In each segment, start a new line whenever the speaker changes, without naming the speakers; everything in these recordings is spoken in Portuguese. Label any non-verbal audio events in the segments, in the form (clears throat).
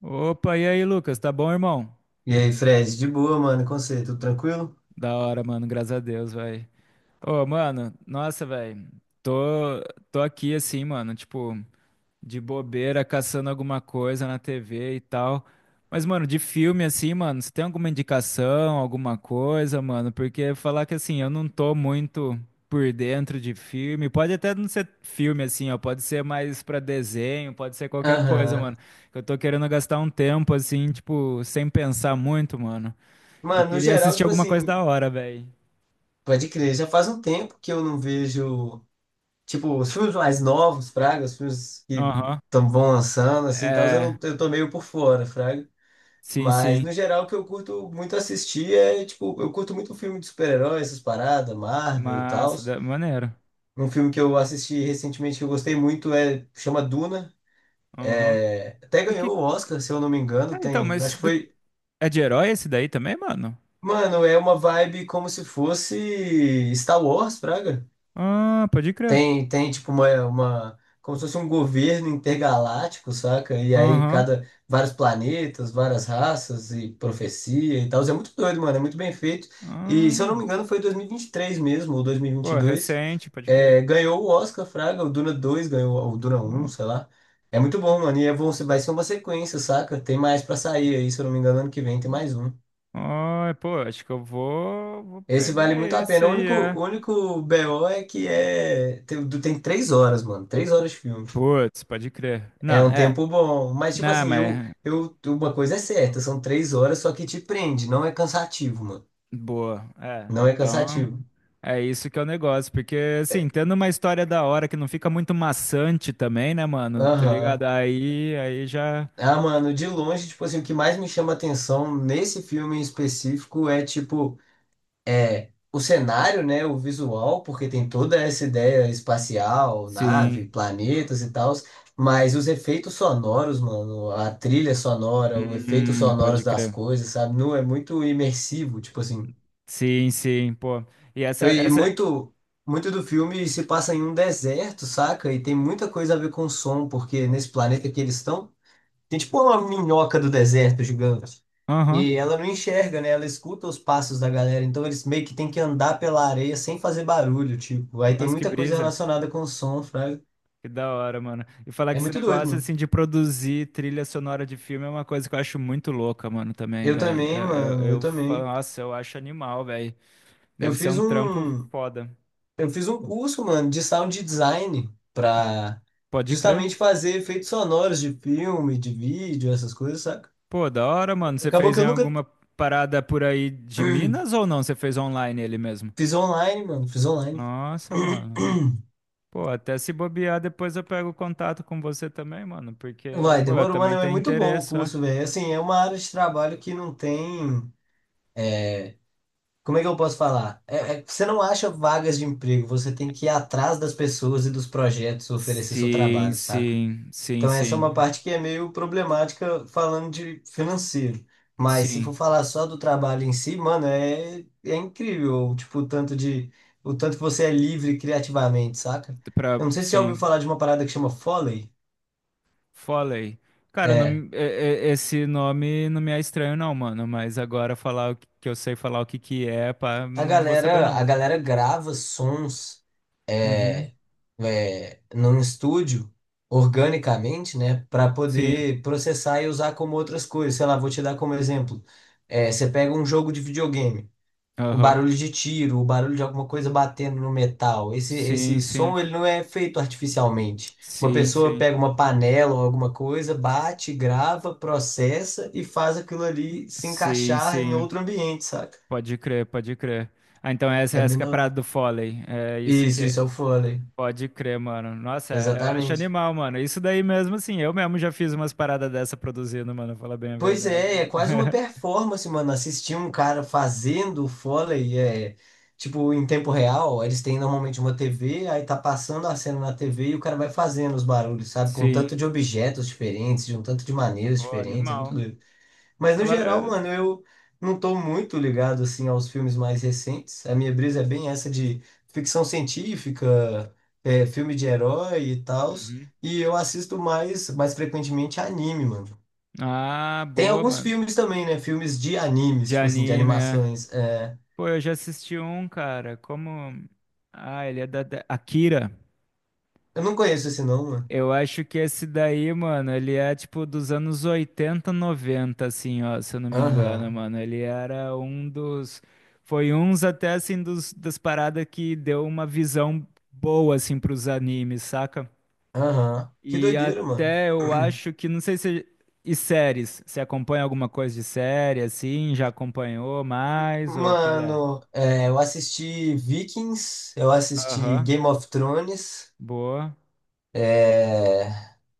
Opa, e aí, Lucas? Tá bom, irmão?
E aí, Fred, de boa, mano, com você, tudo tranquilo?
Da hora, mano, graças a Deus, velho. Ô, mano, nossa, velho. Tô, tô aqui assim, mano, tipo, de bobeira, caçando alguma coisa na TV e tal. Mas, mano, de filme assim, mano, você tem alguma indicação, alguma coisa, mano? Porque falar que assim, eu não tô muito por dentro de filme. Pode até não ser filme assim, ó, pode ser mais pra desenho, pode ser qualquer coisa,
Aham.
mano. Eu tô querendo gastar um tempo assim, tipo, sem pensar muito, mano. E
Mano, no
queria
geral,
assistir
tipo
alguma coisa
assim,
da hora, velho.
pode crer, já faz um tempo que eu não vejo, tipo, os filmes mais novos, fraga, os filmes que
Aham.
tão, vão lançando, assim, tal, eu,
É,
não, eu tô meio por fora, fraga.
sim,
Mas,
sim.
no geral, o que eu curto muito assistir é, tipo, eu curto muito filme de super-heróis, essas paradas, Marvel e tal.
Massa, maneiro.
Um filme que eu assisti recentemente que eu gostei muito é, chama Duna.
Aham.
É, até
Do que.
ganhou o Oscar, se eu não me engano,
Ah, então,
tem, acho que foi.
é de herói esse daí também, mano?
Mano, é uma vibe como se fosse Star Wars, Praga.
Ah, pode crer.
Tem tipo uma como se fosse um governo intergaláctico, saca? E aí
Aham.
vários planetas, várias raças e profecia e tal. É muito doido, mano, é muito bem feito. E se eu
Ah,
não me engano foi dois mil e vinte e três mesmo, ou
pô, é
2022.
recente, pode crer.
É, ganhou o Oscar, Fraga, o Duna 2 ganhou, ou o Duna 1 sei lá. É muito bom, mano, e é bom, vai ser uma sequência, saca? Tem mais pra sair aí, se eu não me engano, ano que vem tem mais um.
Ah, ah, pô, acho que vou
Esse vale
pegar
muito a
esse
pena. O
aí,
único,
é.
o único BO é que é. Tem 3 horas, mano. 3 horas de filme.
Putz, pode crer.
É
Não,
um
é.
tempo bom. Mas, tipo
Não,
assim,
mas
eu, uma coisa é certa, são 3 horas, só que te prende. Não é cansativo, mano.
boa. É,
Não é
então
cansativo.
é isso que é o negócio, porque assim, tendo uma história da hora que não fica muito maçante também, né, mano? Tá ligado?
Aham.
Aí já.
Ah, mano, de longe, tipo assim, o que mais me chama atenção nesse filme em específico é, tipo, é, o cenário, né, o visual, porque tem toda essa ideia espacial,
Sim.
nave, planetas e tal, mas os efeitos sonoros, mano, a trilha sonora, o efeito sonoros
Pode
das
crer.
coisas, sabe? Não é muito imersivo, tipo assim.
Sim, sim, pô. E essa,
E
essa.
muito do filme se passa em um deserto, saca? E tem muita coisa a ver com som, porque nesse planeta que eles estão tem tipo uma minhoca do deserto gigante.
Aham.
E ela não enxerga, né? Ela escuta os passos da galera. Então eles meio que tem que andar pela areia sem fazer barulho, tipo. Aí tem
Nossa, que
muita coisa
brisa.
relacionada com o som, fraga.
Que da hora, mano. E falar
É
que esse
muito doido,
negócio,
mano.
assim, de produzir trilha sonora de filme é uma coisa que eu acho muito louca, mano, também,
Eu
velho.
também,
Eu, eu,
mano. Eu
eu falo,
também.
nossa, eu acho animal, velho.
Eu
Deve ser
fiz
um trampo
um,
foda.
eu fiz um curso, mano, de sound design pra
Pode crer.
justamente fazer efeitos sonoros de filme, de vídeo, essas coisas, saca?
Pô, da hora, mano. Você
Acabou
fez
que
em
eu nunca
alguma parada por aí de Minas ou não? Você fez online ele mesmo?
fiz online, mano. Fiz online.
Nossa, mano. Pô, até se bobear, depois eu pego contato com você também, mano, porque,
Vai,
pô, eu
demora humano
também
é
tenho
muito bom o
interesse, ó.
curso, velho. Assim, é uma área de trabalho que não tem. Como é que eu posso falar? Você não acha vagas de emprego, você tem que ir atrás das pessoas e dos projetos oferecer seu
Sim,
trabalho, saca?
sim, sim,
Então, essa é uma
sim,
parte que é meio problemática falando de financeiro. Mas se
sim,
for falar só do trabalho em si, mano, é incrível, tipo, o tanto de, o tanto que você é livre criativamente, saca? Eu não sei se você já ouviu
sim.
falar de uma parada que chama Foley.
Foley. Cara,
É.
não, esse nome não me é estranho não, mano, mas agora falar o que que eu sei falar o que que é, pá,
A
não vou saber
galera, a
não.
galera grava sons
Uhum,
é, num estúdio organicamente, né, para
sim,
poder processar e usar como outras coisas. Sei lá, vou te dar como exemplo. É, você pega um jogo de videogame, o
aham.
barulho de tiro, o barulho de alguma coisa batendo no metal. Esse,
Sim,
esse
sim.
som ele não é feito artificialmente. Uma
Sim,
pessoa
sim.
pega uma panela ou alguma coisa, bate, grava, processa e faz aquilo ali se
Sim,
encaixar em
sim.
outro ambiente, saca?
Pode crer, pode crer. Ah, então essa,
É
essa
bem
que é a
da...
parada do Foley. É isso que
Isso
é.
é o fôlei.
Pode crer, mano. Nossa, eu acho
Exatamente.
animal, mano. Isso daí mesmo, assim, eu mesmo já fiz umas paradas dessa produzindo, mano. Falar bem a
Pois
verdade,
é, é
mano.
quase uma
(laughs)
performance, mano. Assistir um cara fazendo o Foley, é, tipo, em tempo real, eles têm normalmente uma TV, aí tá passando a cena na TV e o cara vai fazendo os barulhos, sabe? Com um tanto
Sim.
de objetos diferentes, de um tanto de maneiras
Pô,
diferentes, é muito
animal.
doido. Mas no geral,
Falar.
mano, eu não tô muito ligado, assim, aos filmes mais recentes. A minha brisa é bem essa de ficção científica, é, filme de herói e tals.
Uhum.
E eu assisto mais frequentemente anime, mano.
Ah,
Tem
boa,
alguns
mano.
filmes também, né? Filmes de animes,
De
tipo assim, de
anime, é.
animações. É...
Pô, eu já assisti um, cara. Como. Ah, ele é Akira.
Eu não conheço esse não, mano.
Eu acho que esse daí, mano, ele é tipo dos anos 80, 90, assim, ó, se eu não me engano,
Aham,
mano. Ele era um dos. Foi uns até, assim, das paradas que deu uma visão boa, assim, pros animes, saca?
aham. Que
E
doideira, mano.
até eu
(clears throat)
acho que, não sei se. E séries? Você acompanha alguma coisa de série, assim? Já acompanhou mais? Ou qual é?
Mano, é, eu assisti Vikings, eu assisti
Aham,
Game of Thrones,
boa.
é,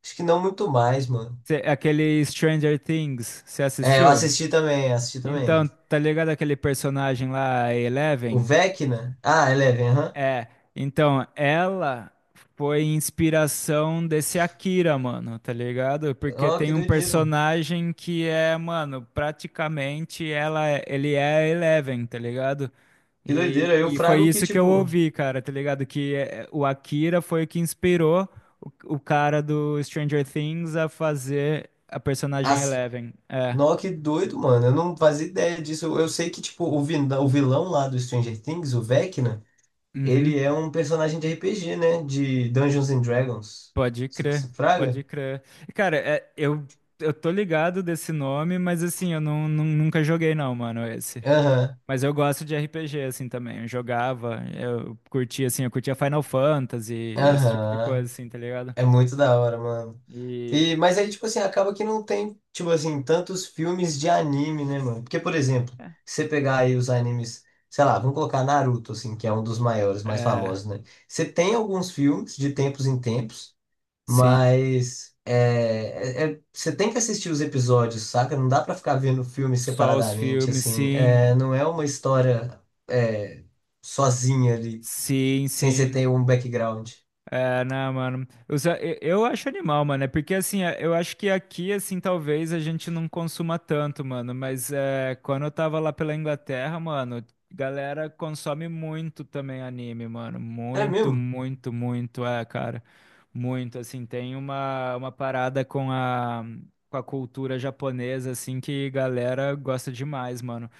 acho que não muito mais, mano.
Aquele Stranger Things, você
É, eu
assistiu?
assisti também, assisti também.
Então, tá ligado aquele personagem lá, a
O
Eleven?
Vecna, ah, Eleven, aham.
É, então, ela foi inspiração desse Akira, mano, tá ligado? Porque
Ó,
tem
que
um
doideira, mano.
personagem que é, mano, praticamente ela, ele é a Eleven, tá ligado?
Que doideira. Eu
E foi
frago que,
isso que eu
tipo,
ouvi, cara, tá ligado? Que é, o Akira foi o que inspirou o cara do Stranger Things a fazer a personagem
as.
Eleven. É.
Nó, que doido, mano. Eu não fazia ideia disso. Eu sei que, tipo, o vilão lá do Stranger Things, o Vecna,
Uhum.
ele é um personagem de RPG, né? De Dungeons and Dragons.
Pode
Isso que
crer,
se fraga?
pode crer. Cara, é, eu tô ligado desse nome, mas assim, eu não, nunca joguei não, mano, esse.
Aham,
Mas eu gosto de RPG, assim, também. Eu curtia, assim, eu curtia Final Fantasy, esse tipo de coisa,
aham.
assim, tá ligado?
É muito da hora, mano.
E...
E, mas aí, tipo assim, acaba que não tem, tipo assim, tantos filmes de anime, né, mano? Porque, por exemplo, se você pegar aí os animes, sei lá, vamos colocar Naruto, assim, que é um dos maiores, mais
É,
famosos, né? Você tem alguns filmes de tempos em tempos.
sim.
Mas é, você tem que assistir os episódios, saca? Não dá pra ficar vendo o filme
Só os
separadamente,
filmes,
assim.
sim.
É, não é uma história é, sozinha ali,
Sim,
sem você
sim.
ter um background.
É, não, mano. Eu, só- eu acho animal, mano. É porque, assim, é- eu acho que aqui, assim, talvez a gente não consuma tanto, mano. Mas é, quando eu tava lá pela Inglaterra, mano, galera consome muito também anime, mano.
É
Muito,
mesmo?
muito, muito. É, cara. Muito, assim. Tem uma parada com a cultura japonesa, assim, que galera gosta demais, mano.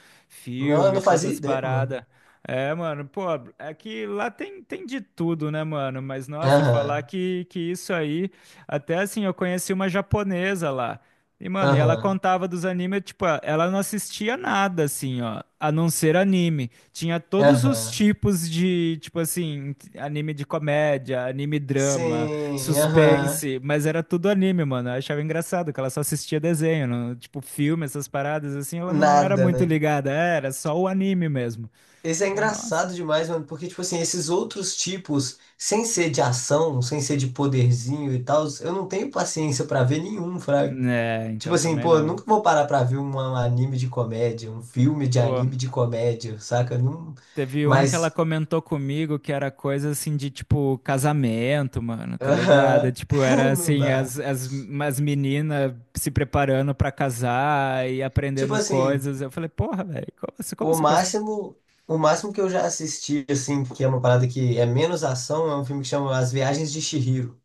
Não, eu
Filme,
não
todas
fazia
as
ideia, mano.
paradas. É, mano, pô, é que lá tem, tem de tudo, né, mano? Mas nossa, falar
Aham,
que isso aí. Até assim, eu conheci uma japonesa lá. E, mano, e ela
aham,
contava dos animes, tipo, ela não assistia nada, assim, ó, a não ser anime. Tinha todos os
aham.
tipos de, tipo assim, anime de comédia, anime drama,
Sim, aham.
suspense, mas era tudo anime, mano. Eu achava engraçado que ela só assistia desenho, não- tipo, filme, essas paradas, assim, ela não era
Nada,
muito
né?
ligada, é, era só o anime mesmo.
Esse é
Ela, nossa.
engraçado demais, mano, porque, tipo assim, esses outros tipos, sem ser de ação, sem ser de poderzinho e tal, eu não tenho paciência pra ver nenhum, fraga.
É,
Tipo
então
assim,
também
pô, eu
não.
nunca vou parar pra ver um anime de comédia, um filme de
Pô,
anime de comédia, saca? Não...
teve um que ela
Mas,
comentou comigo que era coisa assim de tipo casamento, mano, tá ligado?
aham,
Tipo, era
(laughs) não
assim,
dá.
as meninas se preparando pra casar e
Tipo
aprendendo
assim,
coisas. Eu falei, porra, velho, como, como
o
você consegue?
máximo, o máximo que eu já assisti, assim, que é uma parada que é menos ação, é um filme que chama As Viagens de Chihiro.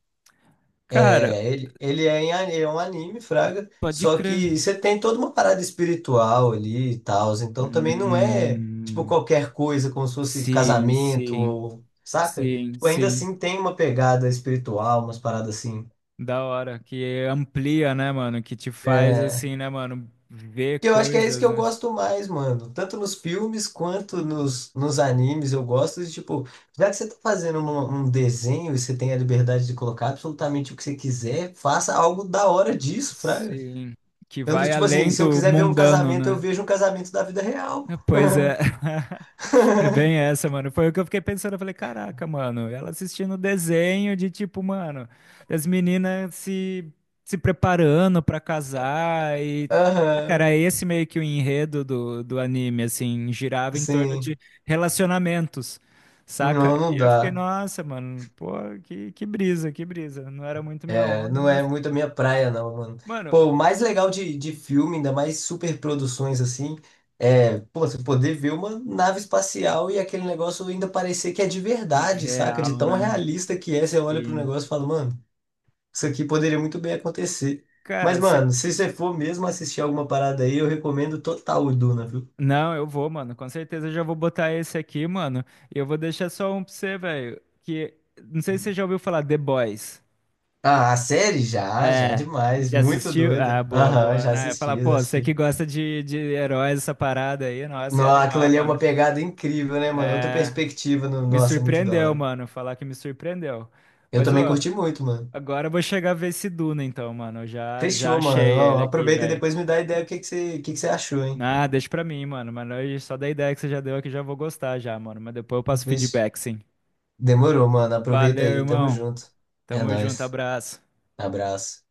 Cara,
É, ele é, em, a- é um anime, Fraga,
pode
só
crer.
que você tem toda uma parada espiritual ali e tal, então também não é, tipo,
Hum,
qualquer coisa, como se fosse
sim,
casamento,
sim,
ou, saca?
sim,
Tipo, ainda
sim.
assim tem uma pegada espiritual, umas paradas assim.
Da hora, que amplia, né, mano? Que te faz
É,
assim, né, mano? Ver
que eu acho que é isso que
coisas,
eu
né?
gosto mais, mano, tanto nos filmes quanto nos animes, eu gosto de, tipo, já que você tá fazendo um desenho e você tem a liberdade de colocar absolutamente o que você quiser, faça algo da hora disso, Fraga.
Sim, que
Eu não-
vai
tipo assim,
além
se eu
do
quiser ver um
mundano,
casamento, eu
né?
vejo um casamento da vida real.
É, pois é. (laughs) É bem
(laughs)
essa, mano. Foi o que eu fiquei pensando. Eu falei, caraca, mano, ela assistindo desenho de tipo, mano, das meninas se, se preparando pra casar e. Ah, cara,
Aham,
é esse meio que o enredo do anime, assim, girava em torno de
sim.
relacionamentos, saca?
Não, não
E eu fiquei,
dá.
nossa, mano, pô, que brisa, que brisa. Não era muito minha
É,
onda,
não é
mas.
muito a minha praia, não, mano.
Mano,
Pô, o mais legal de filme, ainda mais super produções assim, é, pô, você poder ver uma nave espacial e aquele negócio ainda parecer que é de verdade, saca? De
real,
tão
né?
realista que é, você olha pro
Sim.
negócio e fala, mano, isso aqui poderia muito bem acontecer. Mas,
Cara, se...
mano, se você for mesmo assistir alguma parada aí, eu recomendo total o Duna, viu?
não, eu vou, mano. Com certeza eu já vou botar esse aqui, mano. E eu vou deixar só um pra você, velho. Que. Não sei se você já ouviu falar The Boys.
Ah, a série? Já, já
É.
demais.
Já
Muito
assistiu? Ah,
doida.
boa,
Aham,
boa,
já
né?
assisti,
Falar, pô,
já
você
assisti.
que gosta de heróis, essa parada aí, nossa, é
Nossa, aquilo
animal,
ali é uma
mano.
pegada incrível, né, mano? Outra
É.
perspectiva.
Me
Nossa, é muito da
surpreendeu,
hora.
mano. Falar que me surpreendeu.
Eu
Mas,
também
ó,
curti muito, mano.
agora eu vou chegar a ver esse Duna, então, mano. Já
Fechou, mano.
achei ele
Ó,
aqui,
aproveita e
velho.
depois me dá ideia do que que você achou, hein?
Ah, deixa pra mim, mano. Mas só da ideia que você já deu aqui já vou gostar já, mano. Mas depois eu passo
Fech-
feedback, sim.
Demorou, mano. Aproveita
Valeu,
aí. Tamo
irmão.
junto. É
Tamo junto,
nóis.
abraço.
Abraço.